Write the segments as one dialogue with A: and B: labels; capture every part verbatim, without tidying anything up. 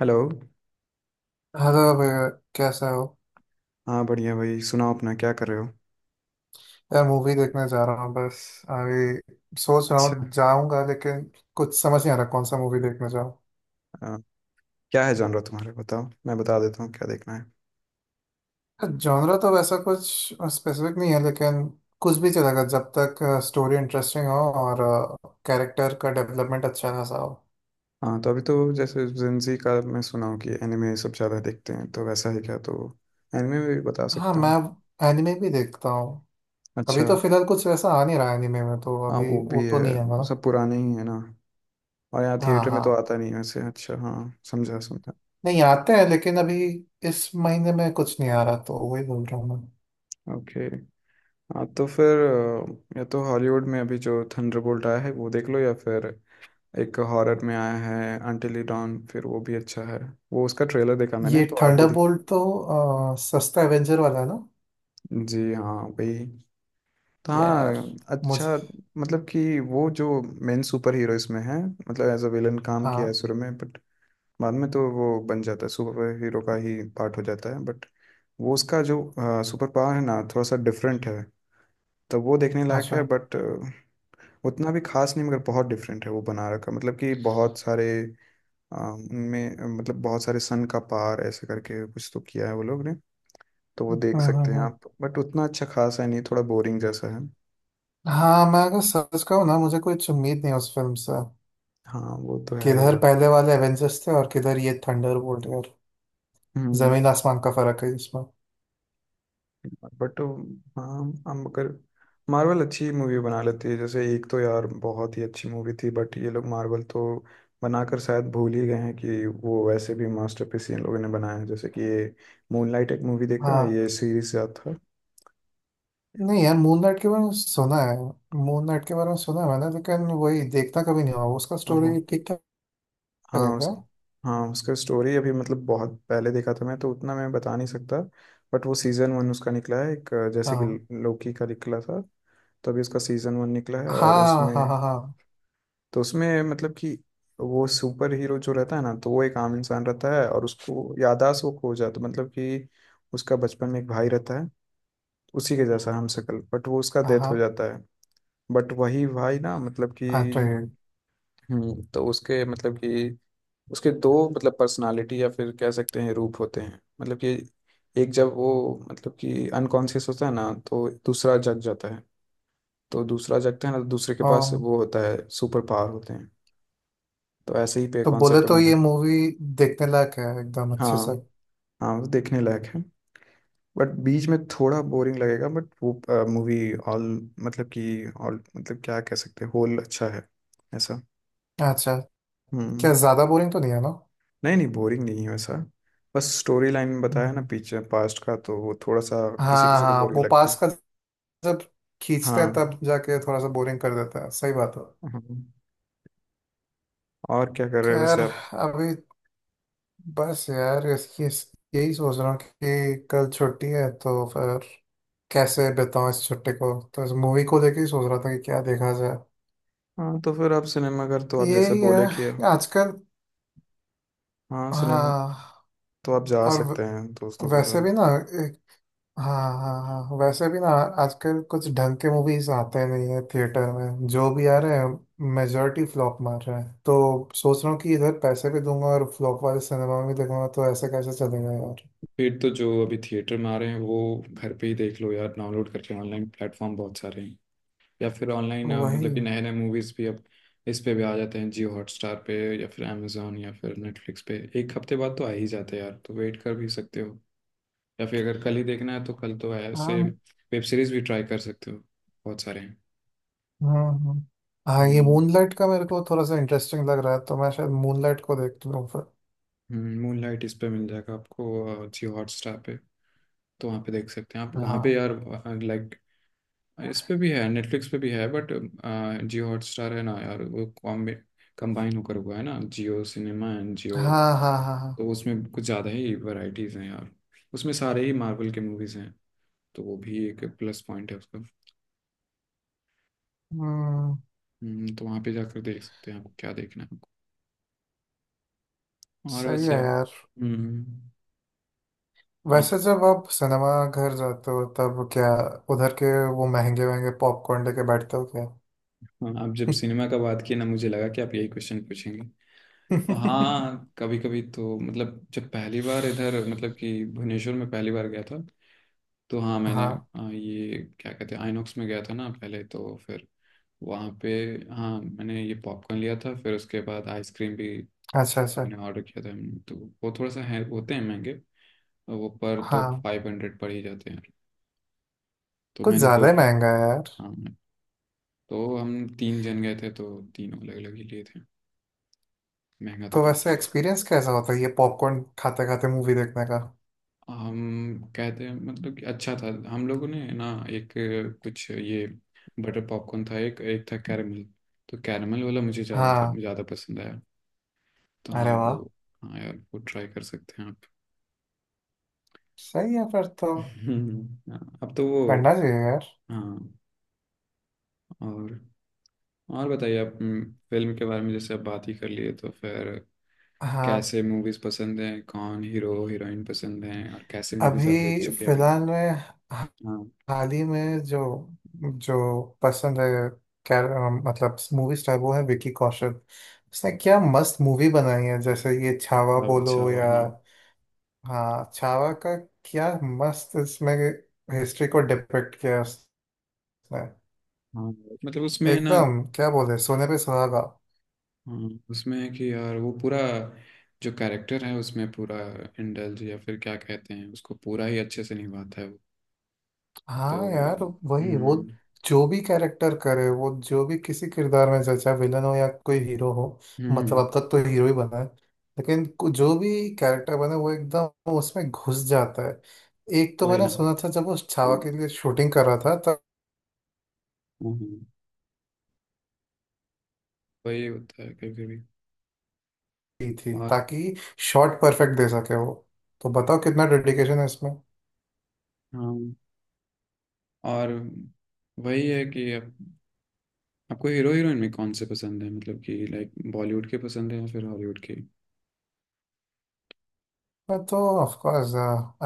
A: Hello.
B: Hello भैया। कैसा हो?
A: हाँ बढ़िया। भाई सुनाओ, अपना क्या कर रहे हो?
B: यार, मूवी देखने जा रहा हूँ बस। अभी सोच रहा
A: अच्छा।
B: हूँ जाऊंगा लेकिन कुछ समझ नहीं आ रहा कौन सा मूवी देखने जाऊँ।
A: आ, क्या है जॉनर तुम्हारा? बताओ, मैं बता देता हूँ क्या देखना है।
B: जॉनरा तो वैसा कुछ स्पेसिफिक नहीं है लेकिन कुछ भी चलेगा जब तक स्टोरी इंटरेस्टिंग हो और कैरेक्टर का डेवलपमेंट अच्छा खासा हो।
A: हाँ, तो अभी तो जैसे जेंजी का मैं सुना हूँ कि एनिमे सब ज़्यादा देखते हैं, तो वैसा ही क्या, तो एनिमे में भी बता
B: हाँ,
A: सकता
B: मैं
A: हूँ।
B: एनिमे भी देखता हूँ। अभी
A: अच्छा।
B: तो फिलहाल कुछ वैसा आ नहीं रहा एनिमे में तो
A: हाँ,
B: अभी
A: वो भी
B: वो तो
A: है।
B: नहीं है मेरा।
A: वो सब पुराने ही है ना, और यहाँ
B: हाँ
A: थिएटर में
B: हाँ।
A: तो आता नहीं है वैसे। अच्छा, हाँ। समझा समझा।
B: नहीं आते हैं लेकिन अभी इस महीने में कुछ नहीं आ रहा तो वही बोल रहा हूँ मैं।
A: ओके। हाँ, तो फिर अ, या तो हॉलीवुड में अभी जो थंडरबोल्ट आया है वो देख लो, या फिर एक हॉरर में आया है अंटिल यू डॉन, फिर वो भी अच्छा है। वो उसका ट्रेलर देखा मैंने,
B: ये
A: तो आप भी देख।
B: थंडरबोल्ट तो अ, सस्ता एवेंजर वाला है ना?
A: जी हाँ, वही। तो
B: यार
A: हाँ।
B: मुझे।
A: अच्छा। मतलब कि वो जो मेन सुपर हीरो इसमें है, मतलब एज अ विलन काम
B: हाँ।
A: किया है शुरू में, बट बाद में तो वो बन जाता है, सुपर हीरो का ही पार्ट हो जाता है। बट वो उसका जो सुपर पावर है ना, थोड़ा सा डिफरेंट है। तो वो देखने लायक है,
B: अच्छा।
A: बट उतना भी खास नहीं। मगर बहुत डिफरेंट है वो बना रखा, मतलब कि बहुत सारे आ, उनमें अ, मतलब बहुत सारे सन का पार ऐसे करके कुछ तो किया है वो लोग ने। तो वो
B: हम्म
A: देख
B: हम्म
A: सकते हैं
B: हम्म।
A: आप, बट उतना अच्छा खास है नहीं, थोड़ा बोरिंग जैसा है।
B: हाँ, मैं अगर सच कहूँ ना मुझे कुछ उम्मीद नहीं है उस फिल्म से।
A: हाँ, वो तो है
B: किधर
A: यार।
B: पहले वाले एवेंजर्स थे और किधर ये थंडरबोल्ट यार।
A: हम्म।
B: जमीन आसमान का फर्क है इसमें।
A: बट हाँ, हम अगर मार्वल अच्छी मूवी बना लेती है, जैसे एक तो यार बहुत ही अच्छी मूवी थी। बट ये लोग मार्वल तो बनाकर शायद भूल ही गए हैं कि वो वैसे भी मास्टरपीस इन लोगों ने बनाया है, जैसे कि ये मूनलाइट एक मूवी देखा है,
B: हाँ।
A: ये सीरीज याद था।
B: नहीं यार, मून नाइट के बारे में सुना है। मून नाइट के बारे में सुना है मैंने लेकिन वही देखना कभी नहीं हुआ। उसका
A: अब वो
B: स्टोरी ठीक ठाक है
A: हाँ,
B: क्या?
A: उस हाँ, उसका स्टोरी अभी मतलब बहुत पहले देखा था मैं, तो उतना मैं बता नहीं सकता। बट वो सीज़न वन उसका निकला है एक, अ, जैसे कि
B: हाँ
A: लोकी का निकला था। तो अभी उसका सीज़न वन निकला है, और
B: हाँ हाँ हाँ।
A: उसमें
B: हाँ
A: तो उसमें मतलब कि वो सुपर हीरो जो रहता है ना, तो वो एक आम इंसान रहता है, और उसको याददाश्त वो खो जाता, मतलब कि उसका बचपन में एक भाई रहता है, उसी के जैसा हमशक्ल, बट वो उसका
B: हाँ
A: डेथ हो
B: हाँ,
A: जाता है। बट वही भाई ना, मतलब कि,
B: अरे
A: हम्म तो उसके, मतलब कि उसके दो, मतलब पर्सनालिटी या फिर कह सकते हैं रूप होते हैं, मतलब कि एक जब वो, मतलब कि अनकॉन्शियस होता है ना, तो दूसरा जग जाता है। तो दूसरा जगता है ना, तो दूसरे के पास
B: हाँ।
A: वो होता है, सुपर पावर होते हैं। तो ऐसे ही पे
B: तो बोले
A: कॉन्सेप्ट पे
B: तो
A: बना
B: ये
A: है।
B: मूवी देखने लायक है एकदम अच्छे से।
A: हाँ, हाँ, वो देखने लायक है। बट बीच में थोड़ा बोरिंग लगेगा, बट वो मूवी ऑल, मतलब कि ऑल, मतलब क्या कह सकते हैं, होल अच्छा है ऐसा।
B: अच्छा।
A: हम्म,
B: क्या ज्यादा बोरिंग तो नहीं है ना?
A: नहीं, नहीं, बोरिंग नहीं है वैसा। बस स्टोरी लाइन बताया ना,
B: हम्म।
A: पीछे पास्ट का, तो वो थोड़ा सा किसी
B: हाँ
A: किसी को
B: हाँ,
A: बोरिंग
B: वो
A: लगता
B: पास
A: है।
B: का जब खींचते हैं
A: हाँ,
B: तब जाके थोड़ा सा बोरिंग कर देता है। सही बात है।
A: हाँ। और क्या कर रहे हो
B: खैर,
A: वैसे आप?
B: अभी बस यार इसकी इस- यही सोच रहा हूँ कि कल छुट्टी है तो फिर कैसे बिताऊँ इस छुट्टी को, तो इस मूवी को लेके ही सोच रहा था कि क्या देखा जाए।
A: हाँ, तो फिर आप सिनेमा घर, तो आप जैसे
B: यही
A: बोले कि,
B: है आजकल।
A: हाँ सिनेमा,
B: हाँ।
A: तो आप जा
B: और
A: सकते
B: व-
A: हैं दोस्तों के
B: वैसे
A: साथ।
B: भी ना। हाँ हाँ हाँ, वैसे भी ना। आजकल कुछ ढंग के मूवीज आते नहीं है थिएटर में, जो भी आ रहे हैं मेजोरिटी फ्लॉप मार रहे हैं तो सोच रहा हूँ कि इधर पैसे भी दूंगा और फ्लॉप वाले सिनेमा में भी देखूंगा, तो ऐसे कैसे चलेगा यार।
A: फिर तो जो अभी थिएटर में आ रहे हैं, वो घर पे ही देख लो यार, डाउनलोड करके। ऑनलाइन प्लेटफॉर्म बहुत सारे हैं। या फिर ऑनलाइन, मतलब
B: वही।
A: कि नए नए मूवीज भी अब इस पे भी आ जाते हैं, जियो हॉटस्टार पे। या फिर amazon या फिर नेटफ्लिक्स पे एक हफ्ते बाद तो आ ही जाते हैं यार, तो वेट कर भी सकते हो। या फिर अगर कल ही देखना है तो कल तो है ऐसे।
B: हाँ
A: वेब सीरीज भी ट्राई कर सकते हो, बहुत सारे हैं।
B: हाँ हाँ हाँ। ये
A: हम्म।
B: मूनलाइट का मेरे को थोड़ा सा इंटरेस्टिंग लग रहा है तो मैं शायद मूनलाइट को देख लूँ फिर।
A: मूनलाइट इस पे मिल जाएगा आपको, अ, जियो हॉटस्टार पे। तो वहाँ पे देख सकते हैं आप, वहाँ पे
B: हाँ
A: यार, लाइक इस पे भी है, नेटफ्लिक्स पे भी है, बट जियो हॉटस्टार है ना यार, वो कॉम्बे कंबाइन होकर हुआ है ना, जियो सिनेमा एंड
B: हाँ
A: जियो।
B: हाँ हाँ
A: तो
B: हाँ।
A: उसमें कुछ ज़्यादा ही वैरायटीज़ हैं यार। उसमें सारे ही मार्वल के मूवीज़ हैं, तो वो भी एक प्लस पॉइंट है उसका।
B: हम्म।
A: हम्म, तो वहाँ पे जाकर देख सकते हैं आपको क्या देखना है। और
B: सही
A: वैसे
B: है यार।
A: हम्म, आप
B: वैसे जब आप सिनेमा घर जाते हो तब क्या उधर के वो महंगे महंगे पॉपकॉर्न लेके बैठते हो क्या?
A: हाँ, आप जब सिनेमा का बात किए ना, मुझे लगा कि आप यही क्वेश्चन पूछेंगे। तो हाँ, कभी कभी तो मतलब जब पहली बार इधर, मतलब कि भुवनेश्वर में पहली बार गया था, तो हाँ मैंने,
B: हाँ।
A: आ, ये क्या कहते हैं, आइनॉक्स में गया था ना पहले, तो फिर वहाँ पे हाँ मैंने ये पॉपकॉर्न लिया था, फिर उसके बाद आइसक्रीम भी
B: अच्छा अच्छा।
A: मैंने ऑर्डर किया था हमने, तो वो थोड़ा सा है, होते हैं महंगे। और वो पर तो
B: हाँ,
A: फाइव हंड्रेड पड़ ही जाते हैं। तो
B: कुछ
A: मैंने दो,
B: ज्यादा ही महंगा है यार।
A: हाँ, तो हम तीन जन गए थे, तो तीनों अलग अलग ही लिए थे। महंगा तो
B: तो
A: पड़ता
B: वैसे
A: है यार।
B: एक्सपीरियंस कैसा होता है ये पॉपकॉर्न खाते खाते मूवी देखने का?
A: हम कहते हैं, मतलब कि अच्छा था, हम लोगों ने ना एक, कुछ ये बटर पॉपकॉर्न था, एक एक था कैरमल। तो कैरमल वाला मुझे ज़्यादा था
B: हाँ।
A: ज़्यादा पसंद आया। तो हाँ
B: अरे वाह।
A: वो, हाँ यार, वो ट्राई कर सकते हैं आप।
B: सही है, फिर तो
A: हम्म, हाँ, अब तो
B: करना
A: वो।
B: चाहिए यार।
A: हाँ, और और बताइए आप, हम्म, फिल्म के बारे में जैसे आप बात ही कर लिए, तो फिर
B: हाँ।
A: कैसे मूवीज पसंद हैं? कौन हीरो हीरोइन पसंद हैं? और कैसे मूवीज आप
B: अभी
A: देख चुके हैं अभी?
B: फिलहाल में,
A: हाँ,
B: हाल ही में जो जो पसंद है, कैर मतलब मूवी स्टार, वो है विकी कौशल। उसने क्या मस्त मूवी बनाई है जैसे ये छावा
A: हवा,
B: बोलो
A: अच्छा, हवा,
B: या।
A: हाँ,
B: हाँ, छावा का क्या मस्त, इसमें हिस्ट्री को डिपिक्ट किया है उसने।
A: हाँ। मतलब उसमें है ना।
B: एकदम क्या बोले, सोने पे सुहागा।
A: हाँ, उसमें है कि यार वो पूरा, जो कैरेक्टर है उसमें पूरा इंडल्ज, या फिर क्या कहते हैं उसको, पूरा ही अच्छे से निभाता है वो। तो
B: हाँ यार। वही वो,
A: हम्म,
B: जो भी कैरेक्टर करे वो, जो भी किसी किरदार में, चाहे चाहे विलन हो या कोई हीरो हो। मतलब
A: हम्म,
B: अब तक तो हीरो ही बना है लेकिन कु- जो भी कैरेक्टर बने वो एकदम उसमें घुस जाता है। एक तो
A: वही
B: मैंने
A: ना,
B: सुना था जब वो छावा के लिए शूटिंग कर रहा था तब
A: हम्म, वही होता है कभी कभी,
B: की थी
A: और
B: ताकि शॉट परफेक्ट दे सके वो। तो बताओ कितना डेडिकेशन है इसमें।
A: हाँ, और वही है कि आप, आपको हीरो हीरोइन में कौन से पसंद है, मतलब कि लाइक बॉलीवुड के पसंद है या फिर हॉलीवुड के?
B: मैं तो ऑफ कोर्स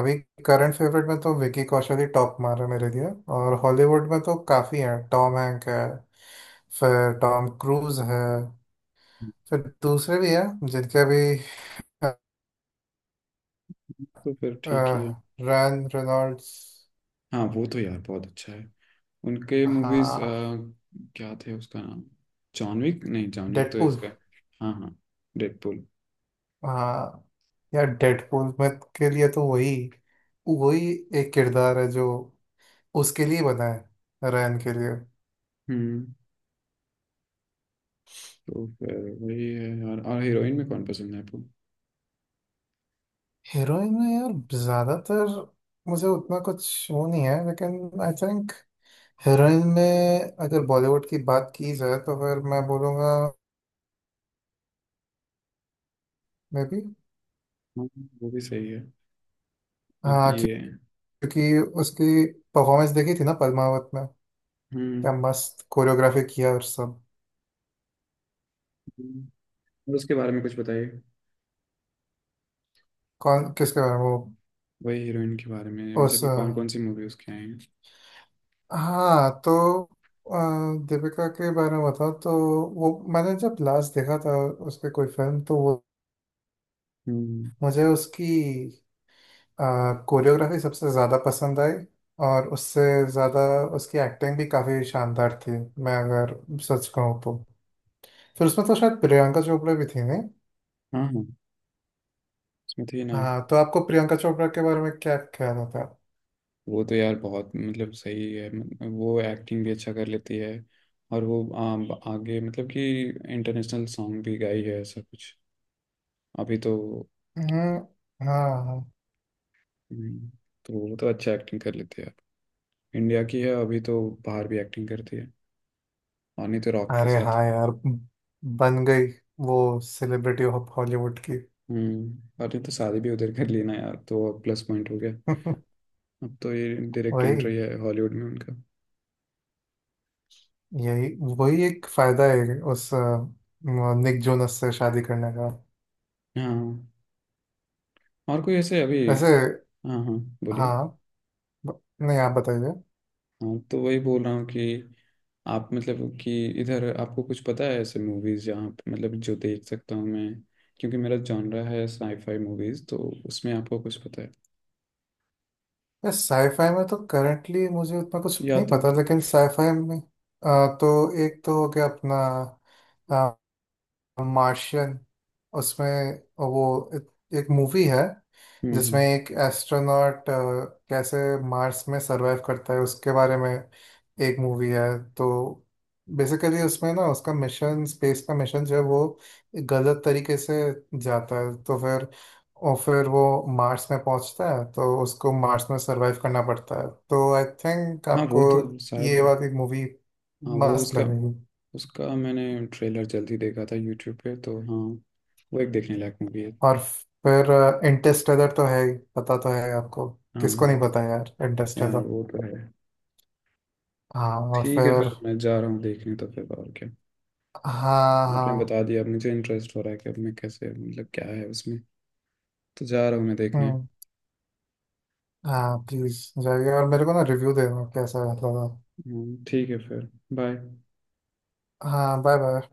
B: अभी करंट फेवरेट में तो विकी कौशल ही टॉप मार है मेरे लिए। और हॉलीवुड में तो काफ़ी हैं, टॉम हैंक है, फिर टॉम क्रूज है, फिर दूसरे भी हैं जिनके अभी,
A: तो फिर ठीक ही है।
B: रैन रेनॉल्ड्स।
A: हाँ, वो तो यार बहुत अच्छा है। उनके मूवीज
B: हाँ।
A: क्या थे, उसका नाम? John Wick? नहीं, जॉन विक तो
B: डेडपूल।
A: इसका है। हाँ, हाँ। डेडपूल।
B: हाँ, यार डेडपूल में के लिए तो वही वही एक किरदार है जो उसके लिए बना है, रैन के लिए।
A: हम्म। तो फिर वही है यार। और हीरोइन में कौन पसंद है आपको?
B: हीरोइन में यार ज्यादातर मुझे उतना कुछ वो नहीं है लेकिन आई थिंक हीरोइन में अगर बॉलीवुड की बात की जाए तो फिर मैं बोलूँगा मे बी।
A: हाँ, वो भी सही है। आप
B: हाँ। क्यों-
A: ये,
B: क्योंकि उसकी परफॉर्मेंस देखी थी ना पद्मावत में। क्या
A: हम्म।
B: मस्त कोरियोग्राफी किया और सब।
A: और उसके बारे में कुछ बताइए।
B: कौन किसके बारे में? वो
A: वही हीरोइन के बारे में, मतलब
B: उस
A: कि
B: अ,
A: कौन कौन सी मूवी उसके आई हैं।
B: हाँ तो अ, दीपिका के बारे में बताओ तो, वो मैंने जब लास्ट देखा था उसके कोई फिल्म तो वो,
A: हम्म,
B: मुझे उसकी कोरियोग्राफी सबसे ज़्यादा पसंद आई और उससे ज़्यादा उसकी एक्टिंग भी काफ़ी शानदार थी। मैं अगर सच कहूँ तो फिर उसमें तो शायद प्रियंका चोपड़ा भी थी नहीं?
A: हाँ, हाँ, उसमें थी ना।
B: हाँ तो आपको प्रियंका चोपड़ा के बारे में क्या ख्याल होता है?
A: वो तो यार बहुत, मतलब सही है, मतलब वो एक्टिंग भी अच्छा कर लेती है। और वो आम, आगे, मतलब कि इंटरनेशनल सॉन्ग भी गाई है, ऐसा कुछ अभी तो।
B: हम्म, हाँ हाँ।
A: हम्म, तो वो तो अच्छा एक्टिंग कर लेती है। इंडिया की है, अभी तो बाहर भी एक्टिंग करती है। और नहीं तो रॉक के
B: अरे
A: साथ।
B: हाँ यार, बन गई वो सेलिब्रिटी ऑफ हॉलीवुड की।
A: हम्म, और नहीं तो शादी भी उधर कर लेना यार, तो प्लस पॉइंट हो गया। अब तो ये डायरेक्ट
B: वही,
A: एंट्री है हॉलीवुड में उनका।
B: यही वही एक फायदा है उस अ, निक जोनस से शादी करने का।
A: हाँ, और कोई ऐसे अभी।
B: वैसे।
A: हाँ, हाँ, बोलिए।
B: हाँ। ब- नहीं आप बताइए।
A: हाँ, तो वही बोल रहा हूँ कि आप, मतलब कि इधर आपको कुछ पता है ऐसे मूवीज जहाँ पे, मतलब जो देख सकता हूँ मैं। क्योंकि मेरा जॉनरा है साईफाई मूवीज, तो उसमें आपको कुछ पता है?
B: यार, साईफाई में तो करंटली मुझे उतना कुछ
A: या
B: नहीं
A: तो
B: पता
A: हम्म,
B: लेकिन साईफाई में अ, तो एक तो हो गया अपना मार्शियन। उसमें वो एक, एक मूवी है,
A: हम्म,
B: जिसमें एक एस्ट्रोनॉट कैसे मार्स में सरवाइव करता है उसके बारे में एक मूवी है। तो बेसिकली उसमें ना उसका मिशन, स्पेस का मिशन जो है वो गलत तरीके से जाता है, तो फिर और फिर वो मार्स में पहुंचता है तो उसको मार्स में सरवाइव करना पड़ता है। तो आई थिंक
A: हाँ वो
B: आपको
A: तो शायद,
B: ये वाली मूवी
A: हाँ वो
B: मस्त
A: उसका
B: लगेगी।
A: उसका मैंने ट्रेलर जल्दी देखा था यूट्यूब पे, तो हाँ वो एक देखने लायक मूवी है।
B: और फिर इंटरस्टेलर तो है ही, पता तो है आपको।
A: हाँ,
B: किसको नहीं
A: हाँ
B: पता यार
A: यार,
B: इंटरस्टेलर।
A: वो तो है।
B: हाँ और
A: ठीक है,
B: फिर।
A: फिर मैं जा रहा हूँ देखने, तो फिर और क्या?
B: हाँ
A: आपने
B: हाँ।
A: बता दिया, अब मुझे इंटरेस्ट हो रहा है कि अब मैं कैसे, मतलब क्या है उसमें, तो जा रहा हूँ मैं देखने।
B: हम्म। हाँ प्लीज, जाइए और मेरे को ना रिव्यू देना कैसा लगा।
A: हम्म, ठीक है फिर। बाय।
B: हाँ, बाय बाय।